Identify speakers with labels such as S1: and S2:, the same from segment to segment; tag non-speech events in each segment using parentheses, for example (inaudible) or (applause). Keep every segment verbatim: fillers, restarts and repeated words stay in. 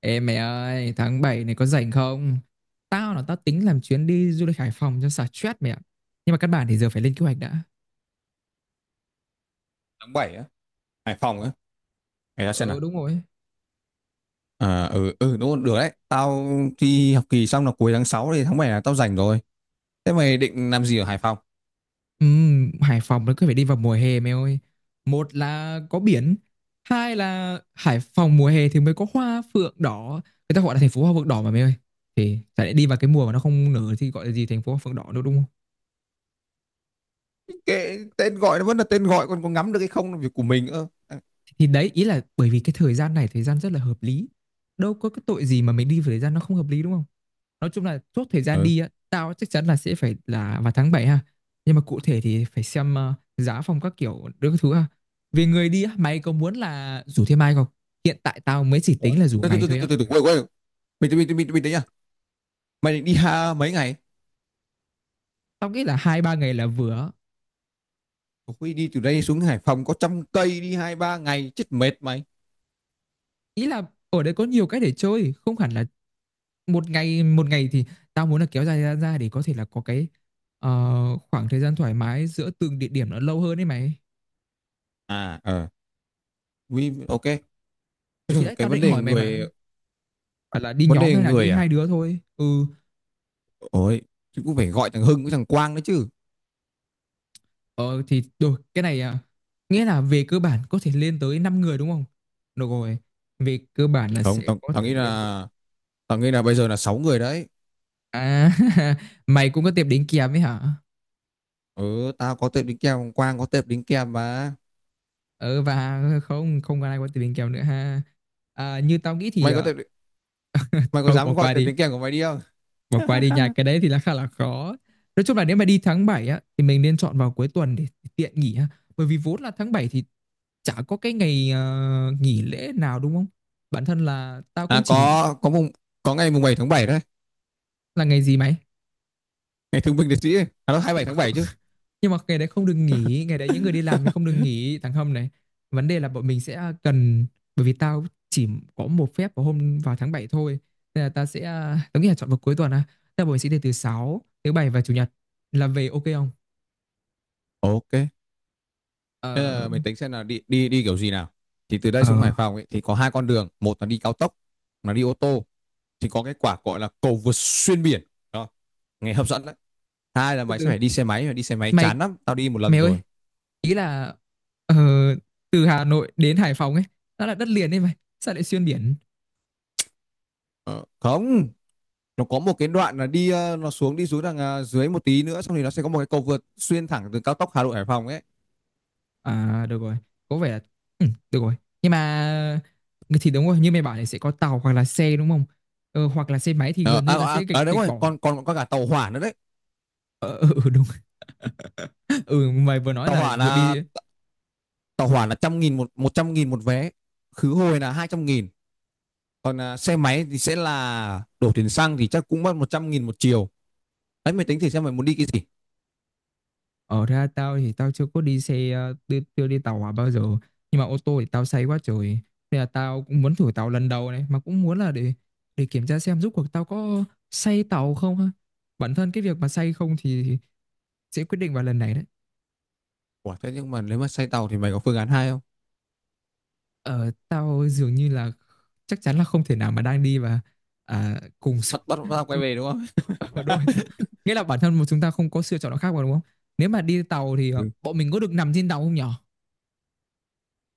S1: Ê mày ơi, tháng bảy này có rảnh không? Tao là tao tính làm chuyến đi du lịch Hải Phòng cho xả stress mẹ ạ. Nhưng mà căn bản thì giờ phải lên kế hoạch đã.
S2: Tháng bảy á? Hải Phòng á? Để ta xem
S1: Ừ
S2: nào.
S1: đúng rồi.
S2: À ừ ừ đúng rồi, được đấy tao. Thi học kỳ xong là cuối tháng sáu thì tháng bảy là tao rảnh rồi. Thế mày định làm gì ở Hải Phòng?
S1: Ừm, Hải Phòng nó cứ phải đi vào mùa hè mày ơi. Một là có biển, hai là Hải Phòng mùa hè thì mới có hoa phượng đỏ. Người ta gọi là thành phố hoa phượng đỏ mà mày ơi. Thì chả lẽ đi vào cái mùa mà nó không nở thì gọi là gì thành phố hoa phượng đỏ nữa, đúng?
S2: Kệ, tên gọi nó vẫn là tên gọi, còn có ngắm được hay không là việc của mình. ơ À,
S1: Thì đấy, ý là bởi vì cái thời gian này, thời gian rất là hợp lý. Đâu có cái tội gì mà mình đi vào thời gian nó không hợp lý, đúng không? Nói chung là chốt thời gian
S2: ừ.
S1: đi á, tao chắc chắn là sẽ phải là vào tháng bảy ha. Nhưng mà cụ thể thì phải xem ờ, giá phòng các kiểu đưa các thứ ha. Về người đi á, mày có muốn là rủ thêm ai không? Hiện tại tao mới chỉ
S2: Ủa?
S1: tính là rủ
S2: từ từ
S1: mày
S2: từ từ
S1: thôi
S2: từ
S1: á.
S2: từ từ, quên quên, mình mình mình mình đấy nhá. Mày định đi ha mấy ngày?
S1: Tao nghĩ là hai ba ngày là vừa á.
S2: Ui, đi từ đây xuống Hải Phòng có trăm cây đi hai ba ngày chết mệt mày.
S1: Ý là ở đây có nhiều cái để chơi, không hẳn là một ngày. một ngày thì tao muốn là kéo dài ra, ra để có thể là có cái ờ, khoảng thời gian thoải mái giữa từng địa điểm nó lâu hơn đấy mày.
S2: à ờ Ui, ok. Thế
S1: Thì
S2: rồi
S1: đấy
S2: cái
S1: tao
S2: vấn
S1: định
S2: đề
S1: hỏi mày mà,
S2: người.
S1: phải là đi
S2: Vấn
S1: nhóm
S2: đề
S1: hay là đi
S2: người à?
S1: hai đứa thôi? Ừ.
S2: Ôi, chứ cũng phải gọi thằng Hưng với thằng Quang đấy chứ.
S1: ờ thì rồi cái này à, nghĩa là về cơ bản có thể lên tới năm người đúng không? Được rồi, về cơ bản là sẽ
S2: Không, tao
S1: có
S2: tao
S1: thể
S2: nghĩ
S1: lên tới.
S2: là, tao nghĩ là bây giờ là sáu người đấy.
S1: À, (laughs) mày cũng có tiệm đính kèm ấy hả?
S2: Ừ, tao có tệp đính kèm, Quang có tệp đính kèm mà.
S1: Ừ, và không không còn ai có tiệm đính kèm nữa ha? À, như tao nghĩ thì
S2: Mày có
S1: ờ,
S2: tệp, mày có
S1: không, bỏ
S2: dám gọi
S1: qua
S2: tệp
S1: đi.
S2: đính kèm của mày đi không?
S1: Bỏ qua đi nha, cái đấy thì là khá là khó. Nói chung là nếu mà đi tháng bảy á thì mình nên chọn vào cuối tuần để tiện nghỉ á. Bởi vì vốn là tháng bảy thì chả có cái ngày ờ, nghỉ lễ nào đúng không? Bản thân là tao
S2: À
S1: cũng chỉ nghĩ
S2: có có mùng, có ngày mùng bảy tháng bảy đấy.
S1: là ngày gì mày?
S2: (laughs) Ngày thương binh liệt sĩ ấy. À đó, bảy tháng bảy chứ.
S1: Nhưng mà ngày đấy không được
S2: (laughs)
S1: nghỉ, ngày đấy những người đi làm thì không được nghỉ thằng Hâm này. Vấn đề là bọn mình sẽ cần, bởi vì tao chỉ có một phép vào hôm vào tháng bảy thôi. Nên là tao sẽ ờ, tao nghĩ là chọn vào cuối tuần á. Tao bọn mình sẽ đi từ thứ sáu, thứ bảy và chủ nhật là về, ok không?
S2: Ok, thế
S1: Ờ,
S2: là mình tính xem là đi đi đi kiểu gì nào. Thì từ đây
S1: Ờ,
S2: xuống Hải Phòng ấy thì có hai con đường. Một là đi cao tốc, là đi ô tô, thì có cái quả gọi là cầu vượt xuyên biển đó, nghe hấp dẫn đấy. Hai là
S1: Thứ
S2: mày sẽ
S1: Tư.
S2: phải đi xe máy, mà đi xe máy
S1: Mày
S2: chán lắm, tao đi một lần
S1: mày ơi,
S2: rồi.
S1: ý là ờ, từ Hà Nội đến Hải Phòng ấy, nó là đất liền đấy mày. Sao lại xuyên biển?
S2: Ờ, không. Nó có một cái đoạn là đi ờ, nó xuống, đi xuống đằng ờ, dưới một tí nữa, xong thì nó sẽ có một cái cầu vượt xuyên thẳng từ cao tốc Hà Nội Hải Phòng ấy.
S1: À được rồi, có vẻ là, ừ, được rồi. Nhưng mà thì đúng rồi, như mày bảo thì sẽ có tàu hoặc là xe đúng không? Ờ, hoặc là xe máy thì
S2: Ờ,
S1: gần
S2: à,
S1: như là
S2: à,
S1: sẽ gạch
S2: à, đúng
S1: gạch
S2: rồi,
S1: bỏ.
S2: còn còn có cả tàu hỏa nữa đấy.
S1: Ờ, ừ, ừ, đúng. (laughs) Ừ, mày vừa nói
S2: Tàu
S1: là
S2: hỏa
S1: vừa
S2: là,
S1: đi.
S2: tàu hỏa là trăm nghìn một, một trăm nghìn một vé, khứ hồi là hai trăm nghìn. Còn à, xe máy thì sẽ là đổ tiền xăng thì chắc cũng mất một trăm nghìn một chiều. Đấy, mày tính thử xem mày muốn đi cái gì.
S1: Ở ra, tao thì tao chưa có đi xe ờ, chưa, chưa đi tàu hỏa bao giờ, nhưng mà ô tô thì tao say quá trời. Nên là tao cũng muốn thử tàu lần đầu này, mà cũng muốn là để để kiểm tra xem rốt cuộc tao có say tàu không ha. Bản thân cái việc mà say không thì sẽ quyết định vào lần này đấy.
S2: Ủa, thế nhưng mà nếu mà xe tàu thì mày có phương án hai không?
S1: Ờ, tao dường như là chắc chắn là không thể nào mà đang đi và à, cùng số-
S2: Bắt bắt bắt quay về đúng không?
S1: (laughs) ở đôi
S2: (laughs)
S1: tao. Nghĩa là bản thân một chúng ta không có sự chọn nào khác mà đúng không? Nếu mà đi tàu thì ờ, bọn mình có được nằm trên tàu không nhở?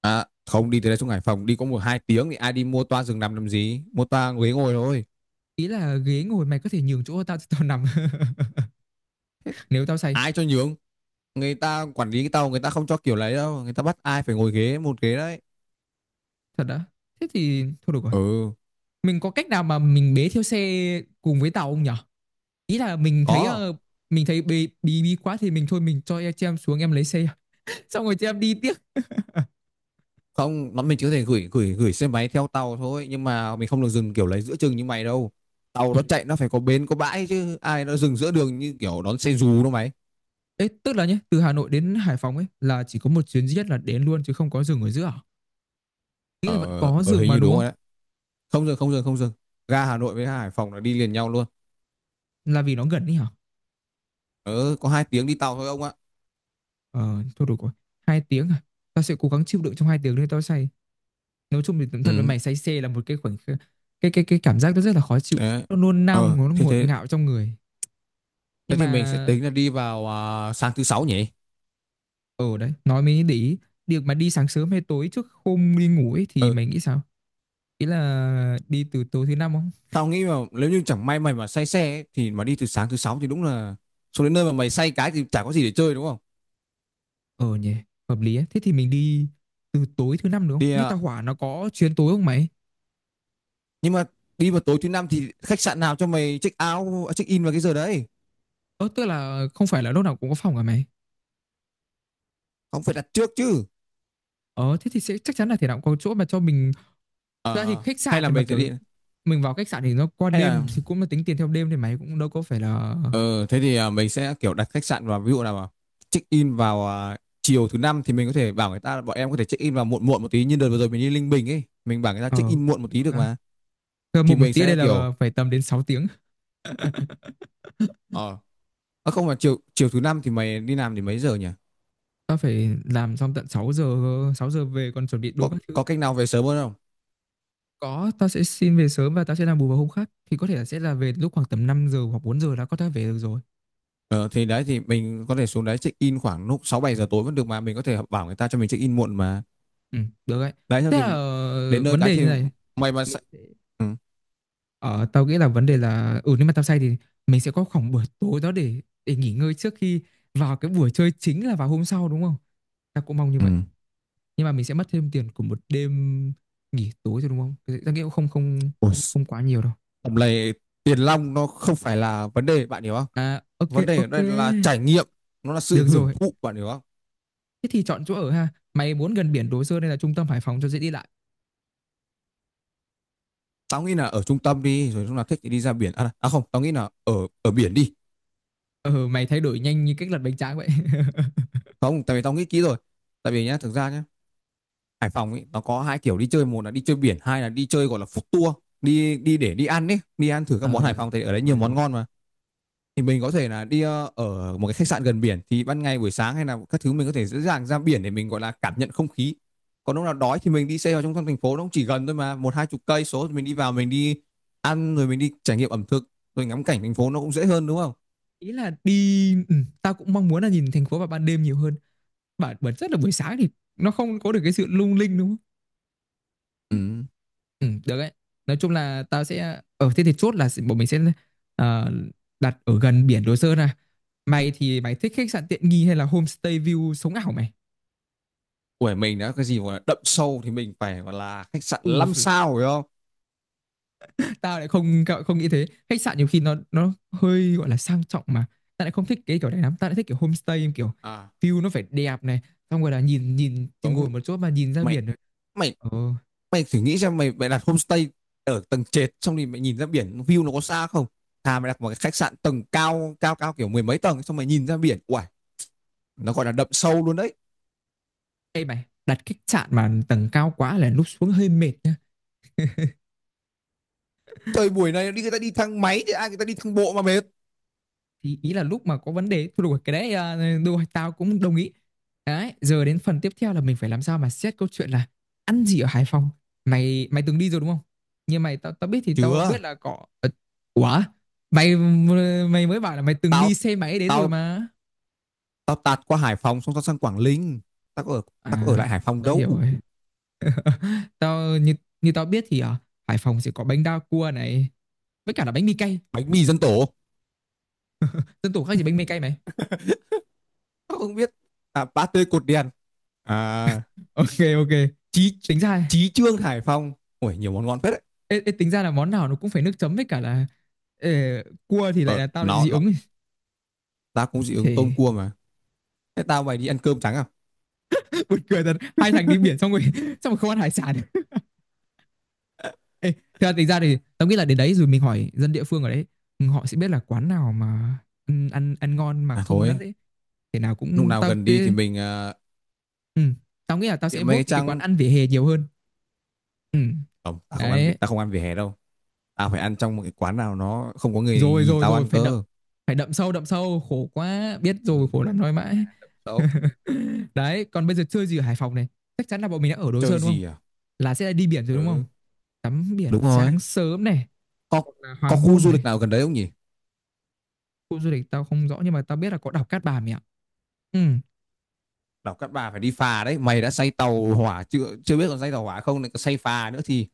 S2: À, không, đi từ đây xuống Hải Phòng đi có một hai tiếng thì ai đi mua toa giường nằm làm gì, mua toa ghế ngồi thôi.
S1: Ý là ghế ngồi mày có thể nhường chỗ cho tao, cho tao nằm (laughs) nếu tao say.
S2: Ai cho nhường, người ta quản lý cái tàu người ta không cho kiểu lấy đâu, người ta bắt ai phải ngồi ghế một ghế đấy.
S1: Thật đã, thế thì thôi được rồi.
S2: Ừ.
S1: Mình có cách nào mà mình bế theo xe cùng với tàu không nhở? Ý là mình thấy
S2: Có.
S1: ờ, mình thấy bí bí bí quá thì mình thôi, mình cho em- chị em xuống, em lấy xe (laughs) xong rồi chị em đi tiếp.
S2: Không, nó mình chỉ có thể gửi gửi gửi xe máy theo tàu thôi, nhưng mà mình không được dừng kiểu lấy giữa chừng như mày đâu. Tàu
S1: Ừ.
S2: nó chạy nó phải có bến có bãi chứ, ai nó dừng giữa đường như kiểu đón xe dù đâu mày.
S1: Ê, tức là nhé, từ Hà Nội đến Hải Phòng ấy là chỉ có một chuyến duy nhất là đến luôn chứ không có dừng ở giữa à? Nghĩ là vẫn
S2: ờ
S1: có
S2: ờ,
S1: dừng
S2: Hình
S1: mà
S2: như
S1: đúng
S2: đúng
S1: không?
S2: rồi đấy. Không dừng, không dừng, không dừng. Ga Hà Nội với ga Hải Phòng là đi liền nhau luôn.
S1: Là vì nó gần đi hả?
S2: Ờ có hai tiếng đi tàu thôi ông ạ.
S1: Ờ thôi được rồi, hai tiếng à? Tao sẽ cố gắng chịu đựng trong hai tiếng, đấy tao say. Nói chung thì đúng thật, với
S2: Ừ.
S1: mày say xe là một cái khoảnh khắc, cái cái cái cảm giác nó rất là khó chịu,
S2: Đấy.
S1: nó nôn nao,
S2: ờ
S1: nó
S2: thế
S1: ngột
S2: thế
S1: ngạo trong người. Nhưng
S2: thế thì
S1: mà
S2: mình sẽ tính là đi vào à, sáng thứ sáu nhỉ.
S1: ở đấy nói mới để ý, việc mà đi sáng sớm hay tối trước hôm đi ngủ ấy thì
S2: Ừ.
S1: mày nghĩ sao? Ý là đi từ tối thứ năm không?
S2: Tao nghĩ mà nếu như chẳng may mày mà say xe ấy, thì mà đi từ sáng thứ sáu thì đúng là xuống đến nơi mà mày say cái thì chả có gì để chơi đúng không?
S1: Ờ nhỉ, hợp lý ấy. Thế thì mình đi từ tối thứ năm được không,
S2: Thì
S1: nghe
S2: à,
S1: tao, hỏa nó có chuyến tối không mày?
S2: nhưng mà đi vào tối thứ năm thì khách sạn nào cho mày check out, à, check in vào cái giờ đấy?
S1: Ờ, tức là không phải là lúc nào cũng có phòng hả mày?
S2: Không, phải đặt trước chứ.
S1: Ờ thế thì sẽ chắc chắn là thể nào cũng có chỗ mà cho mình. Thật ra thì
S2: Ờ,
S1: khách
S2: hay
S1: sạn
S2: là
S1: thì mà
S2: mình sẽ
S1: kiểu,
S2: đi,
S1: mình vào khách sạn thì nó qua
S2: hay là
S1: đêm thì cũng là tính tiền theo đêm thì mày cũng đâu có phải là.
S2: ờ thế thì à, mình sẽ kiểu đặt khách sạn vào ví dụ nào mà check in vào à, chiều thứ năm, thì mình có thể bảo người ta là bọn em có thể check in vào muộn muộn một tí, như đợt vừa rồi mình đi Linh Bình ấy, mình bảo người ta
S1: ờ
S2: check in
S1: cũng
S2: muộn một
S1: được
S2: tí được
S1: ha.
S2: mà.
S1: Cơ
S2: Thì
S1: một một
S2: mình
S1: tí ở
S2: sẽ
S1: đây
S2: kiểu
S1: là phải tầm đến sáu tiếng.
S2: ờ à, không, mà chiều chiều thứ năm thì mày đi làm thì mấy giờ nhỉ?
S1: Tao phải làm xong tận sáu giờ, sáu giờ về còn chuẩn bị đồ
S2: có
S1: các thứ.
S2: có cách nào về sớm hơn không?
S1: Có, tao sẽ xin về sớm và tao sẽ làm bù vào hôm khác, thì có thể là sẽ là về lúc khoảng tầm năm giờ hoặc bốn giờ đã có thể về được rồi.
S2: ờ, thì đấy, thì mình có thể xuống đấy check in khoảng lúc sáu bảy giờ tối vẫn được mà, mình có thể bảo người ta cho mình check in muộn mà.
S1: Ừ, được đấy.
S2: Đấy, xong
S1: Thế
S2: thì
S1: là
S2: đến nơi
S1: vấn
S2: cái
S1: đề như
S2: thì
S1: này.
S2: mày mà sẽ. Ừ.
S1: Ờ, tao nghĩ là vấn đề là, ừ, nếu mà tao say thì mình sẽ có khoảng buổi tối đó để để nghỉ ngơi trước khi vào cái buổi chơi chính là vào hôm sau đúng không? Tao cũng mong như
S2: Ừ.
S1: vậy. Nhưng mà mình sẽ mất thêm tiền của một đêm nghỉ tối rồi đúng không? Cái- Tao nghĩ cũng không không
S2: Ôi,
S1: không quá nhiều đâu.
S2: tầm này tiền long nó không phải là vấn đề, bạn hiểu không?
S1: À ok
S2: Vấn đề ở
S1: ok.
S2: đây là trải nghiệm, nó là sự
S1: Được
S2: hưởng
S1: rồi,
S2: thụ, bạn hiểu không?
S1: thế thì chọn chỗ ở ha. Mày muốn gần biển Đồ Sơn hay là trung tâm Hải Phòng cho dễ đi lại?
S2: Tao nghĩ là ở trung tâm đi, rồi lúc nào thích thì đi ra biển, à, à không, tao nghĩ là ở, ở biển đi.
S1: Ờ mày thay đổi nhanh như cách lật bánh tráng vậy. (laughs)
S2: Không, tại vì tao nghĩ kỹ rồi. Tại vì nhá, thực ra nhá, Hải Phòng ấy nó có hai kiểu đi chơi. Một là đi chơi biển, hai là đi chơi gọi là food tour, đi, đi để đi ăn ấy, đi ăn thử các món
S1: Ờ
S2: Hải Phòng, thì ở đấy nhiều
S1: rồi
S2: món
S1: rồi.
S2: ngon mà. Thì mình có thể là đi ờ, ở một cái khách sạn gần biển, thì ban ngày buổi sáng hay là các thứ mình có thể dễ dàng ra biển để mình gọi là cảm nhận không khí. Còn lúc nào đói thì mình đi xe vào trong thành phố, nó cũng chỉ gần thôi mà, một hai chục cây số, thì mình đi vào mình đi ăn, rồi mình đi trải nghiệm ẩm thực, rồi ngắm cảnh thành phố nó cũng dễ hơn đúng không.
S1: Ý là đi, ừ, tao cũng mong muốn là nhìn thành phố vào ban đêm nhiều hơn. Bản bản rất là buổi sáng thì nó không có được cái sự lung linh đúng không?
S2: Ừ.
S1: Ừ, được đấy. Nói chung là tao sẽ ở, thế thì chốt là sẽ- bọn mình sẽ ờ, đặt ở gần biển Đồ Sơn à. Mày thì mày thích khách sạn tiện nghi hay là homestay view sống ảo mày?
S2: Của mình đã cái gì gọi là đậm sâu thì mình phải gọi là khách sạn
S1: Ừ,
S2: năm
S1: phải-
S2: sao phải không?
S1: tao lại không không nghĩ thế. Khách sạn nhiều khi nó nó hơi gọi là sang trọng mà. Tao lại không thích cái kiểu này lắm, tao lại thích kiểu homestay, kiểu
S2: À
S1: view nó phải đẹp này, xong rồi là nhìn nhìn thì ngồi
S2: đúng.
S1: một chỗ mà nhìn ra
S2: mày
S1: biển rồi.
S2: mày
S1: Ồ,
S2: mày thử nghĩ xem, mày mày đặt homestay ở tầng trệt xong thì mày nhìn ra biển view nó có xa không? Thà mày đặt một cái khách sạn tầng cao cao cao kiểu mười mấy tầng xong mày nhìn ra biển, uầy, nó gọi là đậm sâu luôn đấy.
S1: đây mày đặt khách sạn mà tầng cao quá là lúc xuống hơi mệt
S2: Thời buổi này đi người ta đi thang máy, thì ai người ta đi thang bộ mà mệt.
S1: thì, ý là lúc mà có vấn đề thôi được rồi, cái đấy à, được rồi, tao cũng đồng ý. Đấy giờ đến phần tiếp theo là mình phải làm sao mà xét câu chuyện là ăn gì ở Hải Phòng. Mày mày từng đi rồi đúng không? Nhưng mày tao tao biết thì tao biết
S2: Chưa.
S1: là có. Ờ, ủa, mày mày mới bảo là mày từng đi
S2: tao
S1: xe máy đến rồi
S2: tao
S1: mà.
S2: tao tạt qua Hải Phòng xong tao sang Quảng Ninh, tao có ở, tao có ở
S1: À
S2: lại Hải
S1: rồi,
S2: Phòng
S1: tao
S2: đâu.
S1: hiểu rồi. Tao như, như tao biết thì ở Hải Phòng sẽ có bánh đa cua này với cả là bánh mì cay.
S2: Bánh mì dân tổ.
S1: Dân tổ khác gì bánh mì cay mày?
S2: (laughs) Tao không biết. À ba tươi cột đèn. À
S1: Ok ok,
S2: chí,
S1: tính ra.
S2: chí trương Hải Phòng, ui nhiều món ngon phết đấy.
S1: Ê, ê, tính ra là món nào nó cũng phải nước chấm với cả là ờ, cua thì lại
S2: Ờ
S1: là tao lại
S2: nó,
S1: dị
S2: nó
S1: ứng
S2: Tao cũng dị ứng tôm
S1: thì.
S2: cua mà. Thế tao mày đi ăn cơm trắng à?
S1: (laughs) Buồn cười thật, hai thằng đi biển xong rồi (laughs) xong rồi không ăn hải sản. (laughs) Ê, thật ra tính ra thì tao nghĩ là đến đấy rồi mình hỏi dân địa phương ở đấy. Ừ, họ sẽ biết là quán nào mà ăn ăn, ăn ngon mà
S2: À
S1: không có đắt
S2: thôi,
S1: đấy. Thế nào
S2: lúc
S1: cũng
S2: nào
S1: tao
S2: gần đi thì
S1: sẽ,
S2: mình uh,
S1: ừ, tao nghĩ là tao sẽ
S2: tiệm mấy
S1: vote
S2: cái
S1: những cái quán
S2: trang.
S1: ăn vỉa hè nhiều hơn. Ừ,
S2: Không, tao không ăn
S1: đấy
S2: tao không ăn vỉa hè đâu. Tao phải ăn trong một cái quán nào nó không có người
S1: rồi
S2: nhìn
S1: rồi
S2: tao
S1: rồi,
S2: ăn
S1: phải đậm,
S2: cơ.
S1: phải đậm sâu đậm sâu khổ quá biết
S2: Ừ,
S1: rồi khổ
S2: đúng rồi.
S1: lắm nói mãi.
S2: Đâu?
S1: (laughs) Đấy, còn bây giờ chơi gì ở Hải Phòng này? Chắc chắn là bọn mình đã ở Đồ
S2: Chơi
S1: Sơn đúng không?
S2: gì à?
S1: Là sẽ đi biển rồi đúng không?
S2: Ừ,
S1: Tắm biển
S2: đúng rồi.
S1: sáng sớm này,
S2: Có
S1: hoặc là
S2: có
S1: hoàng
S2: khu
S1: hôn
S2: du
S1: này.
S2: lịch nào gần đấy không nhỉ?
S1: Khu du lịch tao không rõ nhưng mà tao biết là có đảo Cát Bà mày ạ. Ừ.
S2: Đảo Cát Bà phải đi phà đấy, mày đã say tàu hỏa chưa? Chưa biết còn say tàu hỏa không, lại còn say phà nữa thì,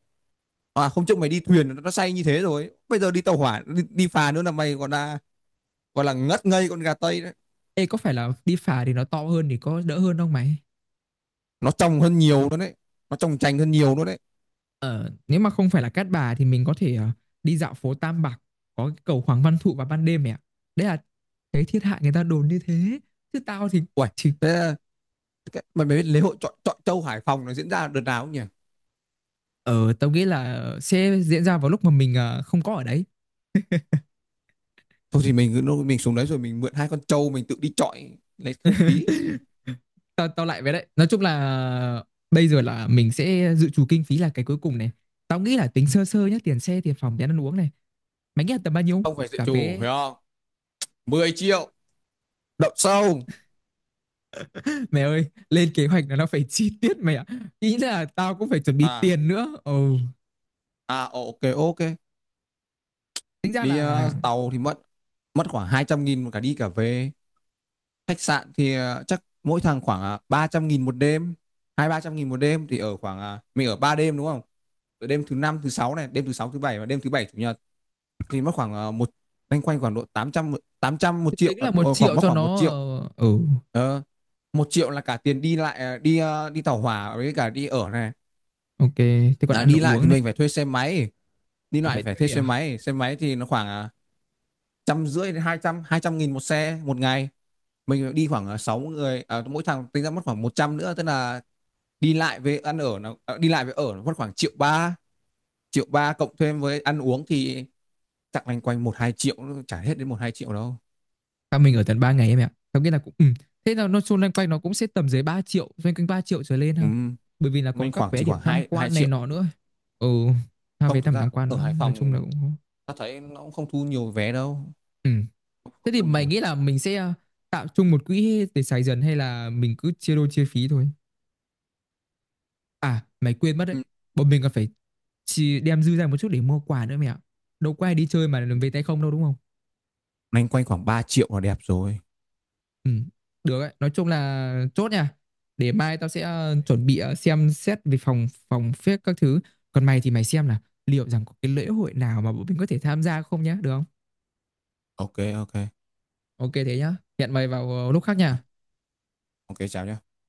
S2: à không, trước mày đi thuyền nó nó say như thế rồi. Bây giờ đi tàu hỏa, đi, đi phà nữa là mày còn là gọi là ngất ngây con gà tây đấy.
S1: Ê, có phải là đi phà thì nó to hơn thì có đỡ hơn không mày?
S2: Nó trong hơn nhiều luôn đấy. Nó trong chành hơn nhiều luôn đấy.
S1: Ờ, nếu mà không phải là Cát Bà thì mình có thể ờ, đi dạo phố Tam Bạc, có cái cầu Hoàng Văn Thụ vào ban đêm mẹ ạ. Đấy là cái thiên hạ người ta đồn như thế. Chứ tao thì
S2: Uầy,
S1: thì
S2: thế cái mà mày biết lễ hội chọi chọi trâu Hải Phòng nó diễn ra đợt nào không nhỉ?
S1: ờ tao nghĩ là sẽ diễn ra vào lúc mà mình ờ, không có ở đấy.
S2: Thôi thì mình cứ mình xuống đấy rồi mình mượn hai con trâu mình tự đi chọi lấy không khí.
S1: Tao tao lại với đấy, nói chung là bây giờ là mình sẽ dự trù kinh phí là cái cuối cùng này. Tao nghĩ là tính sơ sơ nhá, tiền xe, tiền phòng, tiền ăn uống này, mày nghĩ là tầm bao nhiêu
S2: Không phải dự
S1: cả
S2: trù,
S1: vé?
S2: hiểu không? mười triệu, đậu sâu.
S1: Mẹ ơi lên kế hoạch là nó phải (laughs) chi tiết mày ạ. Ý là tao cũng phải chuẩn bị
S2: À,
S1: tiền nữa. Ừ,
S2: à ok ok.
S1: tính ra
S2: Đi
S1: là,
S2: ờ, tàu thì mất, mất khoảng hai trăm nghìn một cả đi cả về. Khách sạn thì ờ, chắc mỗi thằng khoảng uh, ba trăm nghìn một đêm, hai ba trăm nghìn một đêm, thì ở khoảng ờ, mình ở ba đêm đúng không? Ở đêm thứ năm, thứ sáu này, đêm thứ sáu, thứ bảy, và đêm thứ bảy chủ nhật, thì mất khoảng ờ, một, loanh quanh khoảng độ tám trăm, một triệu
S1: tính là
S2: ờ,
S1: một
S2: ờ, khoảng
S1: triệu
S2: mất
S1: cho
S2: khoảng một
S1: nó
S2: triệu
S1: ờ, ừ.
S2: ờ, Một triệu là cả tiền đi lại ờ, đi ờ, đi tàu hỏa với cả đi ở này.
S1: Ok thế còn
S2: À,
S1: ăn
S2: đi lại thì
S1: uống này.
S2: mình phải thuê xe máy, đi
S1: À,
S2: lại
S1: phải
S2: phải thuê
S1: thuê
S2: xe
S1: à?
S2: máy, xe máy thì nó khoảng ờ, trăm rưỡi đến hai trăm, hai trăm nghìn một xe một ngày. Mình đi khoảng ờ, sáu người, à mỗi thằng tính ra mất khoảng một trăm nữa, tức là đi lại với ăn ở nó, à đi lại với ở nó mất khoảng triệu ba. Triệu ba cộng thêm với ăn uống thì chắc loanh quanh một hai triệu, chả hết đến một hai triệu đâu.
S1: Tao mình ở tận ba ngày em ạ, tao nghĩ là cũng, ừ. Thế là nó xung quanh quanh nó cũng sẽ tầm dưới ba triệu, xoay quanh ba triệu trở lên
S2: Ừ,
S1: ha, bởi vì là
S2: loanh
S1: còn các
S2: khoảng
S1: vé
S2: chỉ
S1: điểm
S2: khoảng
S1: tham
S2: hai hai
S1: quan này
S2: triệu
S1: nọ nữa. Ừ, tha vé
S2: Không, thực
S1: tầm
S2: ra
S1: tham quan
S2: ở
S1: nữa,
S2: Hải
S1: nói chung là
S2: Phòng
S1: cũng có.
S2: ta thấy nó cũng không thu nhiều vé đâu.
S1: Ừm.
S2: Không,
S1: Thế
S2: không
S1: thì
S2: thu
S1: mày
S2: nhiều.
S1: nghĩ là mình sẽ ờ, tạo chung một quỹ để xài dần hay là mình cứ chia đôi chia phí thôi? À, mày quên mất đấy.
S2: Ừ.
S1: Bọn mình còn phải chi đem dư ra một chút để mua quà nữa mẹ ạ. Đâu có ai đi chơi mà về tay không đâu đúng không?
S2: Loanh quanh khoảng ba triệu là đẹp rồi.
S1: Ừ, được đấy. Nói chung là chốt nha. Để mai tao sẽ ờ, chuẩn bị, ờ, xem xét về phòng phòng phép các thứ. Còn mày thì mày xem là liệu rằng có cái lễ hội nào mà bọn mình có thể tham gia không nhá, được không?
S2: Ok. Ok.
S1: Ok thế nhá. Hẹn mày vào ờ, lúc khác
S2: Rồi,
S1: nha.
S2: ok chào nhé.